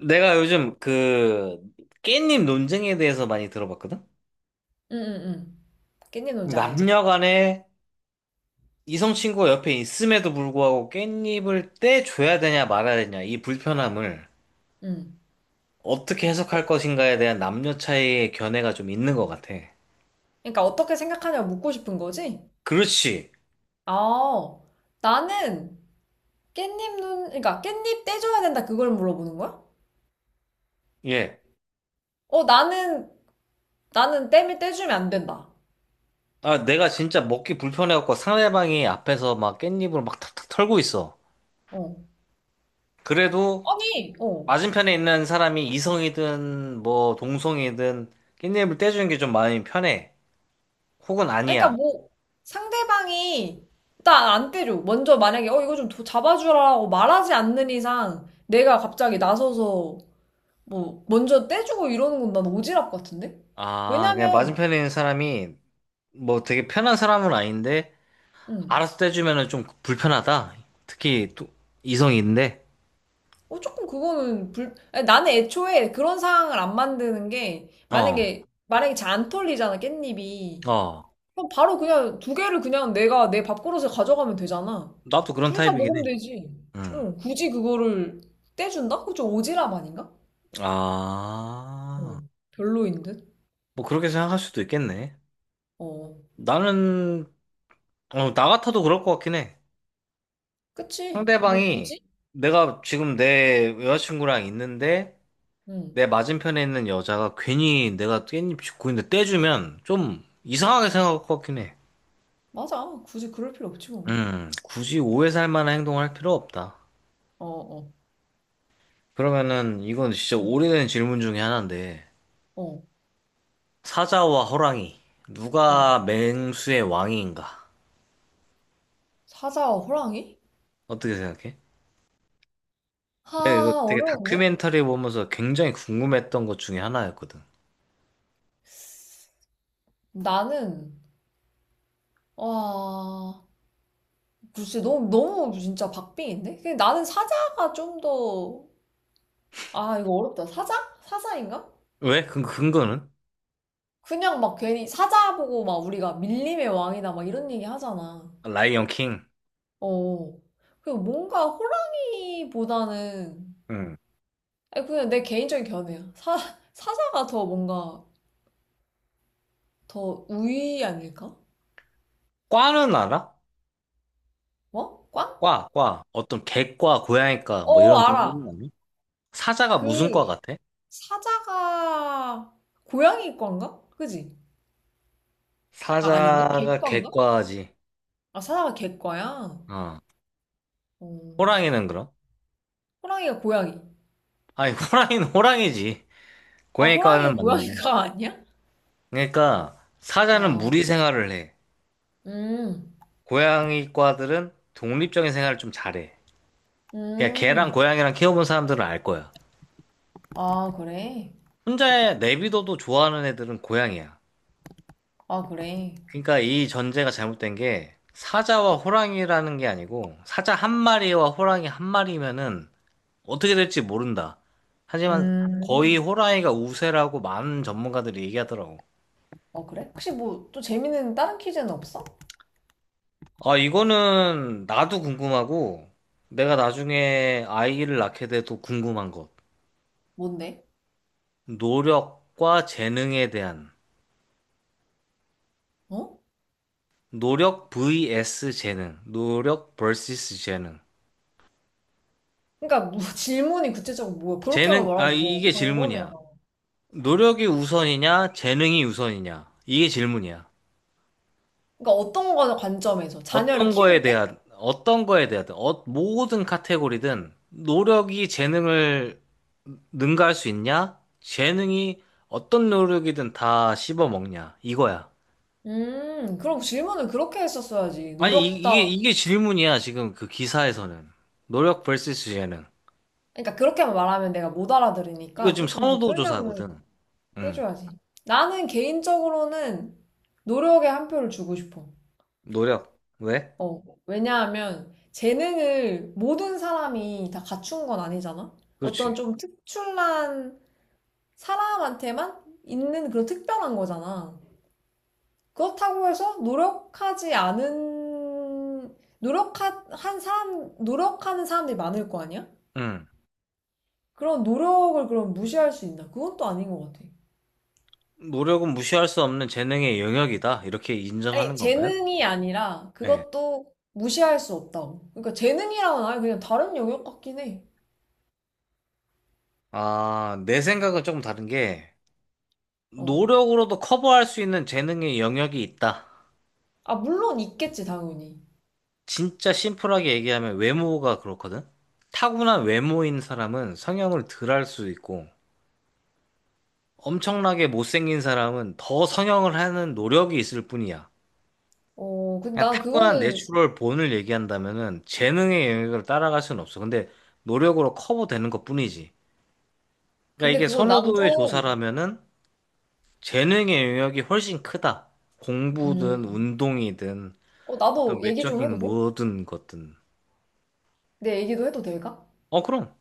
내가 요즘 그 깻잎 논쟁에 대해서 많이 들어봤거든? 응, 응, 응. 깻잎 뭔지 알지? 남녀 간에 이성 친구가 옆에 있음에도 불구하고 깻잎을 떼줘야 되냐 말아야 되냐 이 불편함을 응. 어떻게 어, 해석할 것인가에 대한 남녀 차이의 견해가 좀 있는 것 같아. 그러니까 어떻게 생각하냐고 묻고 싶은 거지? 그렇지. 아, 나는 깻잎 눈, 그러니까 깻잎 떼줘야 된다 그걸 물어보는 거야? 예. 어, 나는 땜을 떼주면 안 된다. 아, 내가 진짜 먹기 불편해갖고 상대방이 앞에서 막 깻잎을 막 탁탁 털고 있어. 어. 그래도 아니, 어. 맞은편에 있는 사람이 이성이든 뭐 동성이든 깻잎을 떼주는 게 좀 마음이 편해. 혹은 아니, 그러니까 아니야. 뭐 상대방이 일단 안 떼줘. 먼저 만약에 어 이거 좀 잡아주라고 말하지 않는 이상 내가 갑자기 나서서 뭐 먼저 떼주고 이러는 건 난 오지랖 같은데? 아, 그냥 왜냐면 맞은편에 있는 사람이 뭐 되게 편한 사람은 아닌데, 응. 알아서 떼주면은 좀 불편하다. 특히 또 이성인데, 어, 조금 그거는 아니, 나는 애초에 그런 상황을 안 만드는 게, 어, 만약에 잘 안 털리잖아, 깻잎이. 어. 그럼 바로 그냥 두 개를 그냥 내가 내 밥그릇에 가져가면 되잖아. 나도 그런 둘 다 타입이긴 해. 먹으면 되지. 응. 응, 굳이 그거를 떼준다? 그거 좀 오지랖 아닌가? 아, 응, 별로인 듯? 뭐 그렇게 생각할 수도 있겠네. 어, 나는, 어, 나 같아도 그럴 것 같긴 해. 그치. 뭐, 상대방이 굳이? 내가 지금 내 여자친구랑 있는데, 응, 내 맞은편에 있는 여자가 괜히 내가 깻잎 짚고 있는데 떼주면 좀 이상하게 생각할 것 같긴 해. 맞아. 굳이 그럴 필요 없지, 뭐. 굳이 오해 살 만한 행동을 할 필요 없다. 어, 어, 그러면은 이건 진짜 어, 오래된 질문 중에 하나인데 어. 사자와 호랑이 어. 누가 맹수의 왕인가? 사자와 호랑이? 어떻게 생각해? 내가 이거 하, 되게 어려운데? 다큐멘터리 보면서 굉장히 궁금했던 것 중에 하나였거든. 나는, 와, 글쎄, 너무 진짜 박빙인데? 근데 나는 사자가 좀 더, 아, 이거 어렵다. 사자? 사자인가? 왜? 근 근거는? 그냥 막 괜히 사자 보고 막 우리가 밀림의 왕이다 막 이런 얘기 하잖아. 라이언 킹. 어. 그 뭔가 호랑이보다는, 응. 아니, 그냥 내 개인적인 견해야. 사자가 더 뭔가 더 우위 아닐까? 과는 알아? 어? 꽝? 과, 과. 어떤 개과, 고양이과 뭐 어, 이런 동물은 알아. 아니? 사자가 무슨 과 그, 같아? 사자가 고양이 꽝가? 그지? 아, 아닌가? 사자가 개꽝가? 개과지. 아, 사자가 개과야? 어. 어, 호랑이는 그럼? 호랑이가 고양이. 아니, 호랑이는 호랑이지. 아, 고양이과는 호랑이는 맞는데. 고양이가 아니야? 그러니까, 사자는 아, 무리 생활을 해. 음, 고양이과들은 독립적인 생활을 좀 잘해. 그냥 개랑 음. 고양이랑 키워본 사람들은 알 거야. 아, 그래. 혼자 내비둬도 좋아하는 애들은 고양이야. 아, 그래. 그러니까 이 전제가 잘못된 게, 사자와 호랑이라는 게 아니고, 사자 한 마리와 호랑이 한 마리면은 어떻게 될지 모른다. 하지만 거의 음. 호랑이가 우세라고 많은 전문가들이 얘기하더라고. 어, 그래? 혹시 뭐, 또 재밌는 다른 퀴즈는 없어? 아, 이거는 나도 궁금하고, 내가 나중에 아이를 낳게 돼도 궁금한 것. 뭔데? 노력과 재능에 대한. 어? 노력 vs 재능. 노력 vs 재능. 그러니까 뭐 질문이 구체적으로 뭐야? 그렇게만 재능, 아, 말하면 뭐 이게 질문이야. 광범위하다. 노력이 우선이냐, 재능이 우선이냐. 이게 질문이야. 그러니까 어떤 거 관점에서 자녀를 어떤 거에 키울 때? 대한, 어떤 거에 대한, 어, 모든 카테고리든 노력이 재능을 능가할 수 있냐? 재능이 어떤 노력이든 다 씹어먹냐. 이거야. 그럼 질문을 그렇게 했었어야지. 아니, 이- 노력다. 이게, 이게 질문이야, 지금 그 기사에서는. 노력 vs 재능. 그러니까 그렇게만 말하면 내가 못 이거 알아들으니까 지금 조금 더 선호도 설명을 조사거든. 응. 해줘야지. 나는 개인적으로는 노력에 한 표를 주고 싶어. 노력. 왜? 어, 왜냐하면 재능을 모든 사람이 다 갖춘 건 아니잖아? 어떤 그렇지. 좀 특출난 사람한테만 있는 그런 특별한 거잖아. 그렇다고 해서 노력한 사람, 노력하는 사람들이 많을 거 아니야? 응. 그런 노력을 그럼 무시할 수 있나? 그건 또 아닌 것 같아. 노력은 무시할 수 없는 재능의 영역이다. 이렇게 아니, 인정하는 건가요? 재능이 아니라 네. 그것도 무시할 수 없다고. 그러니까 재능이랑은 아예 그냥 다른 영역 같긴 해. 아, 내 생각은 조금 다른 게, 어. 노력으로도 커버할 수 있는 재능의 영역이 있다. 아, 물론 있겠지, 당연히. 진짜 심플하게 얘기하면 외모가 그렇거든? 타고난 외모인 사람은 성형을 덜 할 수 있고, 엄청나게 못생긴 사람은 더 성형을 하는 노력이 있을 뿐이야. 어, 근데 그냥 난 타고난 그거는, 내추럴 본을 얘기한다면은 재능의 영역을 따라갈 수는 없어. 근데 노력으로 커버되는 것뿐이지. 그러니까 근데 이게 그건 난 선호도의 좀, 조사라면은 재능의 영역이 훨씬 크다. 공부든 음, 운동이든 어, 나도 어떤 얘기 좀 외적인 해도 돼? 모든 것든. 내 얘기도 해도 될까? 어, 그럼.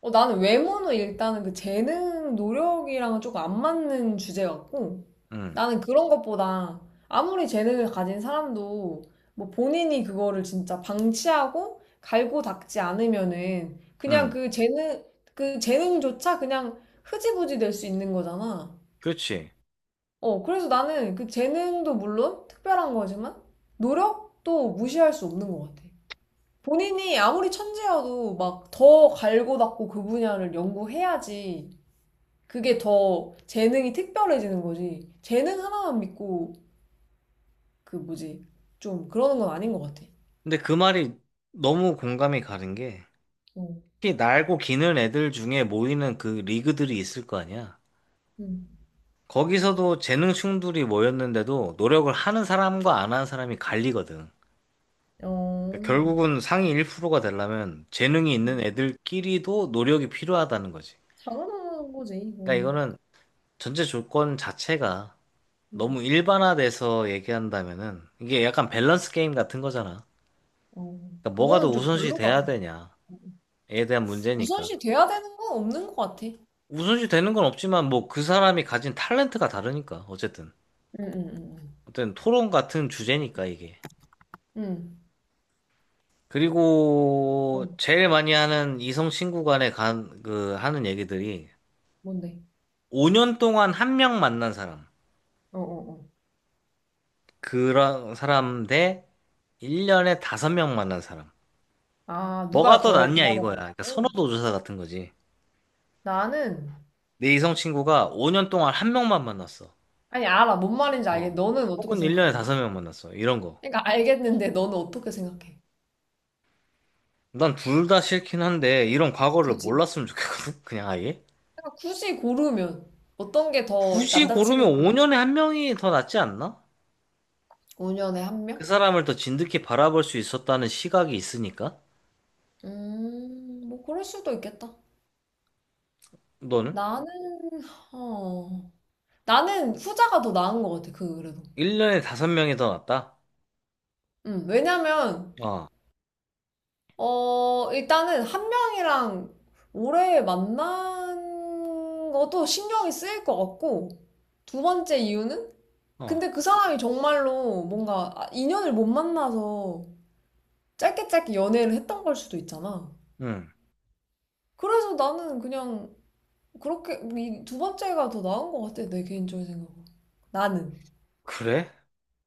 어, 나는 외모는 일단은 그 재능, 노력이랑은 조금 안 맞는 주제 같고, 응, 나는 그런 것보다 아무리 재능을 가진 사람도 뭐 본인이 그거를 진짜 방치하고 갈고 닦지 않으면은 그냥 응. 그 재능조차 그냥 흐지부지 될 수 있는 거잖아. 그렇지. 어, 그래서 나는 그 재능도 물론 특별한 거지만 노력도 무시할 수 없는 것 같아. 본인이 아무리 천재여도 막 더 갈고 닦고 그 분야를 연구해야지 그게 더 재능이 특별해지는 거지. 재능 하나만 믿고 그 뭐지 좀 그러는 건 아닌 것 같아. 근데 그 말이 너무 공감이 가는 게 어, 특히 날고 기는 애들 중에 모이는 그 리그들이 있을 거 아니야. 음. 거기서도 재능충들이 모였는데도 노력을 하는 사람과 안 하는 사람이 갈리거든. 어, 그러니까 결국은 상위 1%가 되려면 재능이 있는 음. 애들끼리도 노력이 필요하다는 거지. 당연한 거지 그러니까 이건. 이거는 전체 조건 자체가 음. 너무 일반화돼서 얘기한다면은 이게 약간 밸런스 게임 같은 거잖아. 어, 그러니까 뭐가 더 그거는 좀 우선시 별로다. 돼야 되냐에 대한 문제니까. 우선시 돼야 되는 건 없는 것 같아. 우선시 되는 건 없지만 뭐 그 사람이 가진 탤런트가 다르니까 어쨌든. 응, 응, 어쨌든 토론 같은 주제니까 이게. 응, 응. 응. 어, 그리고 제일 많이 하는 이성 친구 간에 하는 얘기들이 뭔데? 5년 동안 한 명 만난 사람. 어, 어, 어. 그런 사람 대 1년에 다섯 명 만난 사람. 아, 뭐가 누가 더 더 그 낫냐 다음에 이거야. 그러니까 낫냐고? 선호도 조사 같은 거지. 나는 내 이성 친구가 5년 동안 한 명만 만났어. 아니, 알아. 뭔 말인지 알겠. 어. 너는 어떻게 혹은 1년에 생각하는데? 다섯 명 만났어. 이런 거. 그러니까 알겠는데 너는 어떻게 생각해? 난 둘 다 싫긴 한데 이런 과거를 굳이. 몰랐으면 좋겠거든. 그냥 아예. 그러니까 굳이 고르면 어떤 게 더 굳이 고르면 남자친구 5년에 한 명이 더 낫지 않나? 5년에 한 그 명? 사람을 더 진득히 바라볼 수 있었다는 시각이 있으니까? 뭐 그럴 수도 있겠다. 너는? 나는 어. 나는 후자가 더 나은 것 같아. 그 그래도. 1년에 5명이 더 낫다? 왜냐면 어, 어, 일단은 한 명이랑 오래 만난 것도 신경이 쓰일 것 같고 두 번째 이유는 어, 근데 그 사람이 정말로 뭔가 아, 인연을 못 만나서 짧게 연애를 했던 걸 수도 있잖아. 응. 그래서 나는 그냥 그렇게 이두 번째가 더 나은 것 같아, 내 개인적인 생각은. 나는. 그래?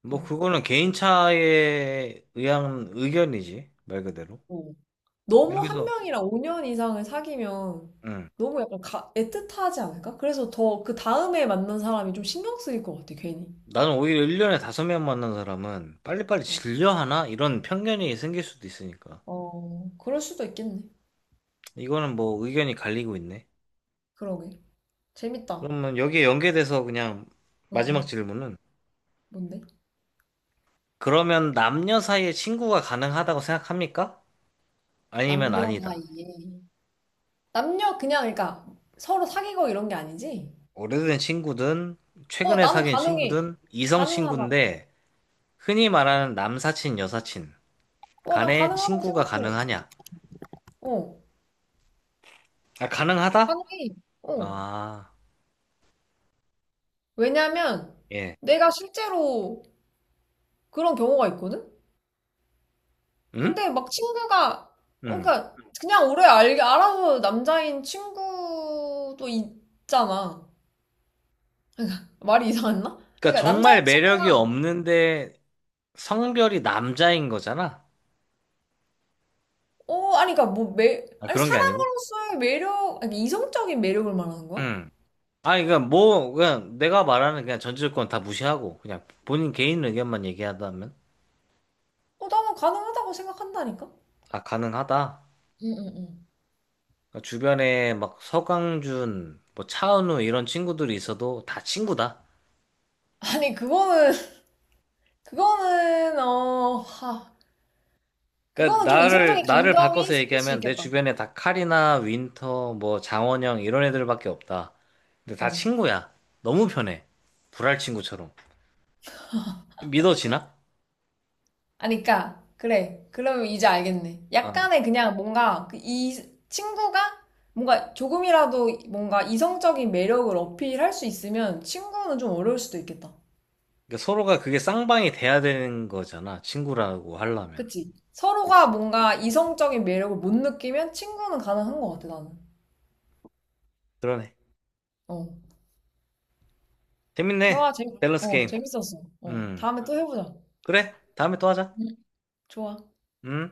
뭐, 어. 그거는 개인 차에 의한 의견이지, 말 그대로. 어. 너무 한 여기서, 명이랑 5년 이상을 사귀면 응. 너무 약간 애틋하지 않을까? 그래서 더 그 다음에 만난 사람이 좀 신경 쓰일 것 같아, 괜히. 나는 오히려 1년에 5명 만난 사람은 빨리빨리 어, 질려하나? 이런 편견이 생길 수도 있으니까. 어, 그럴 수도 있겠네. 이거는 뭐 의견이 갈리고 있네. 그러게. 재밌다. 어, 그러면 여기에 연계돼서 그냥 마지막 어. 질문은, 뭔데? 그러면 남녀 사이에 친구가 가능하다고 생각합니까? 아니면 남녀 아니다. 사이에. 남녀 그냥 그러니까 서로 사귀고 이런 게 아니지? 오래된 친구든, 어, 최근에 나는 사귄 가능해. 친구든, 이성 가능하다. 친구인데, 흔히 말하는 남사친, 여사친 어, 난 간에 가능하다고 친구가 생각해. 가능하냐? 어, 아, 가능하다? 가능해. 어. 아, 왜냐면 예. 내가 실제로 그런 경우가 있거든? 응? 근데 막 친구가 어, 응. 그러니까 그냥 오래 알아서 남자인 친구도 있잖아. 말이 이상했나? 그러니까 그러니까 정말 남자인 매력이 친구가 없는데 성별이 남자인 거잖아? 어, 아니 그러니까 뭐 아, 아니 그런 게 아니고? 사람으로서의 매력, 아니 이성적인 매력을 말하는 거야? 응. 아니, 그러니까 뭐, 그냥 내가 말하는 그냥 전제조건 다 무시하고, 그냥 본인 개인 의견만 얘기하다면? 어, 나는 가능하다고 생각한다니까? 아, 가능하다. 응응응. 그러니까 주변에 막 서강준, 뭐 차은우 이런 친구들이 있어도 다 친구다. 아니 그거는 그거는 어 하, 그러니까 그거는 좀 이성적인 나를 바꿔서 감정이 생길 수 얘기하면 내 있겠다. 주변에 다 카리나, 윈터, 뭐 장원영 이런 애들밖에 없다. 근데 다 어. 친구야. 너무 편해. 불알 친구처럼. 믿어지나? 아니 그니까 그래. 그러면 이제 알겠네. 어. 약간의 그냥 뭔가 그이 친구가 뭔가 조금이라도 뭔가 이성적인 매력을 어필할 수 있으면 친구는 좀 어려울 수도 있겠다. 그러니까 서로가 그게 쌍방이 돼야 되는 거잖아. 친구라고 하려면. 그치? 서로가 그치. 뭔가 이성적인 매력을 못 느끼면 친구는 가능한 것 같아 나는. 그러네. 어. 대화 재밌네. 재밌 밸런스 어 게임. 재밌었어. 어 음. 다음에 또 해보자. 그래. 다음에 또 하자. 응, 좋아. 음.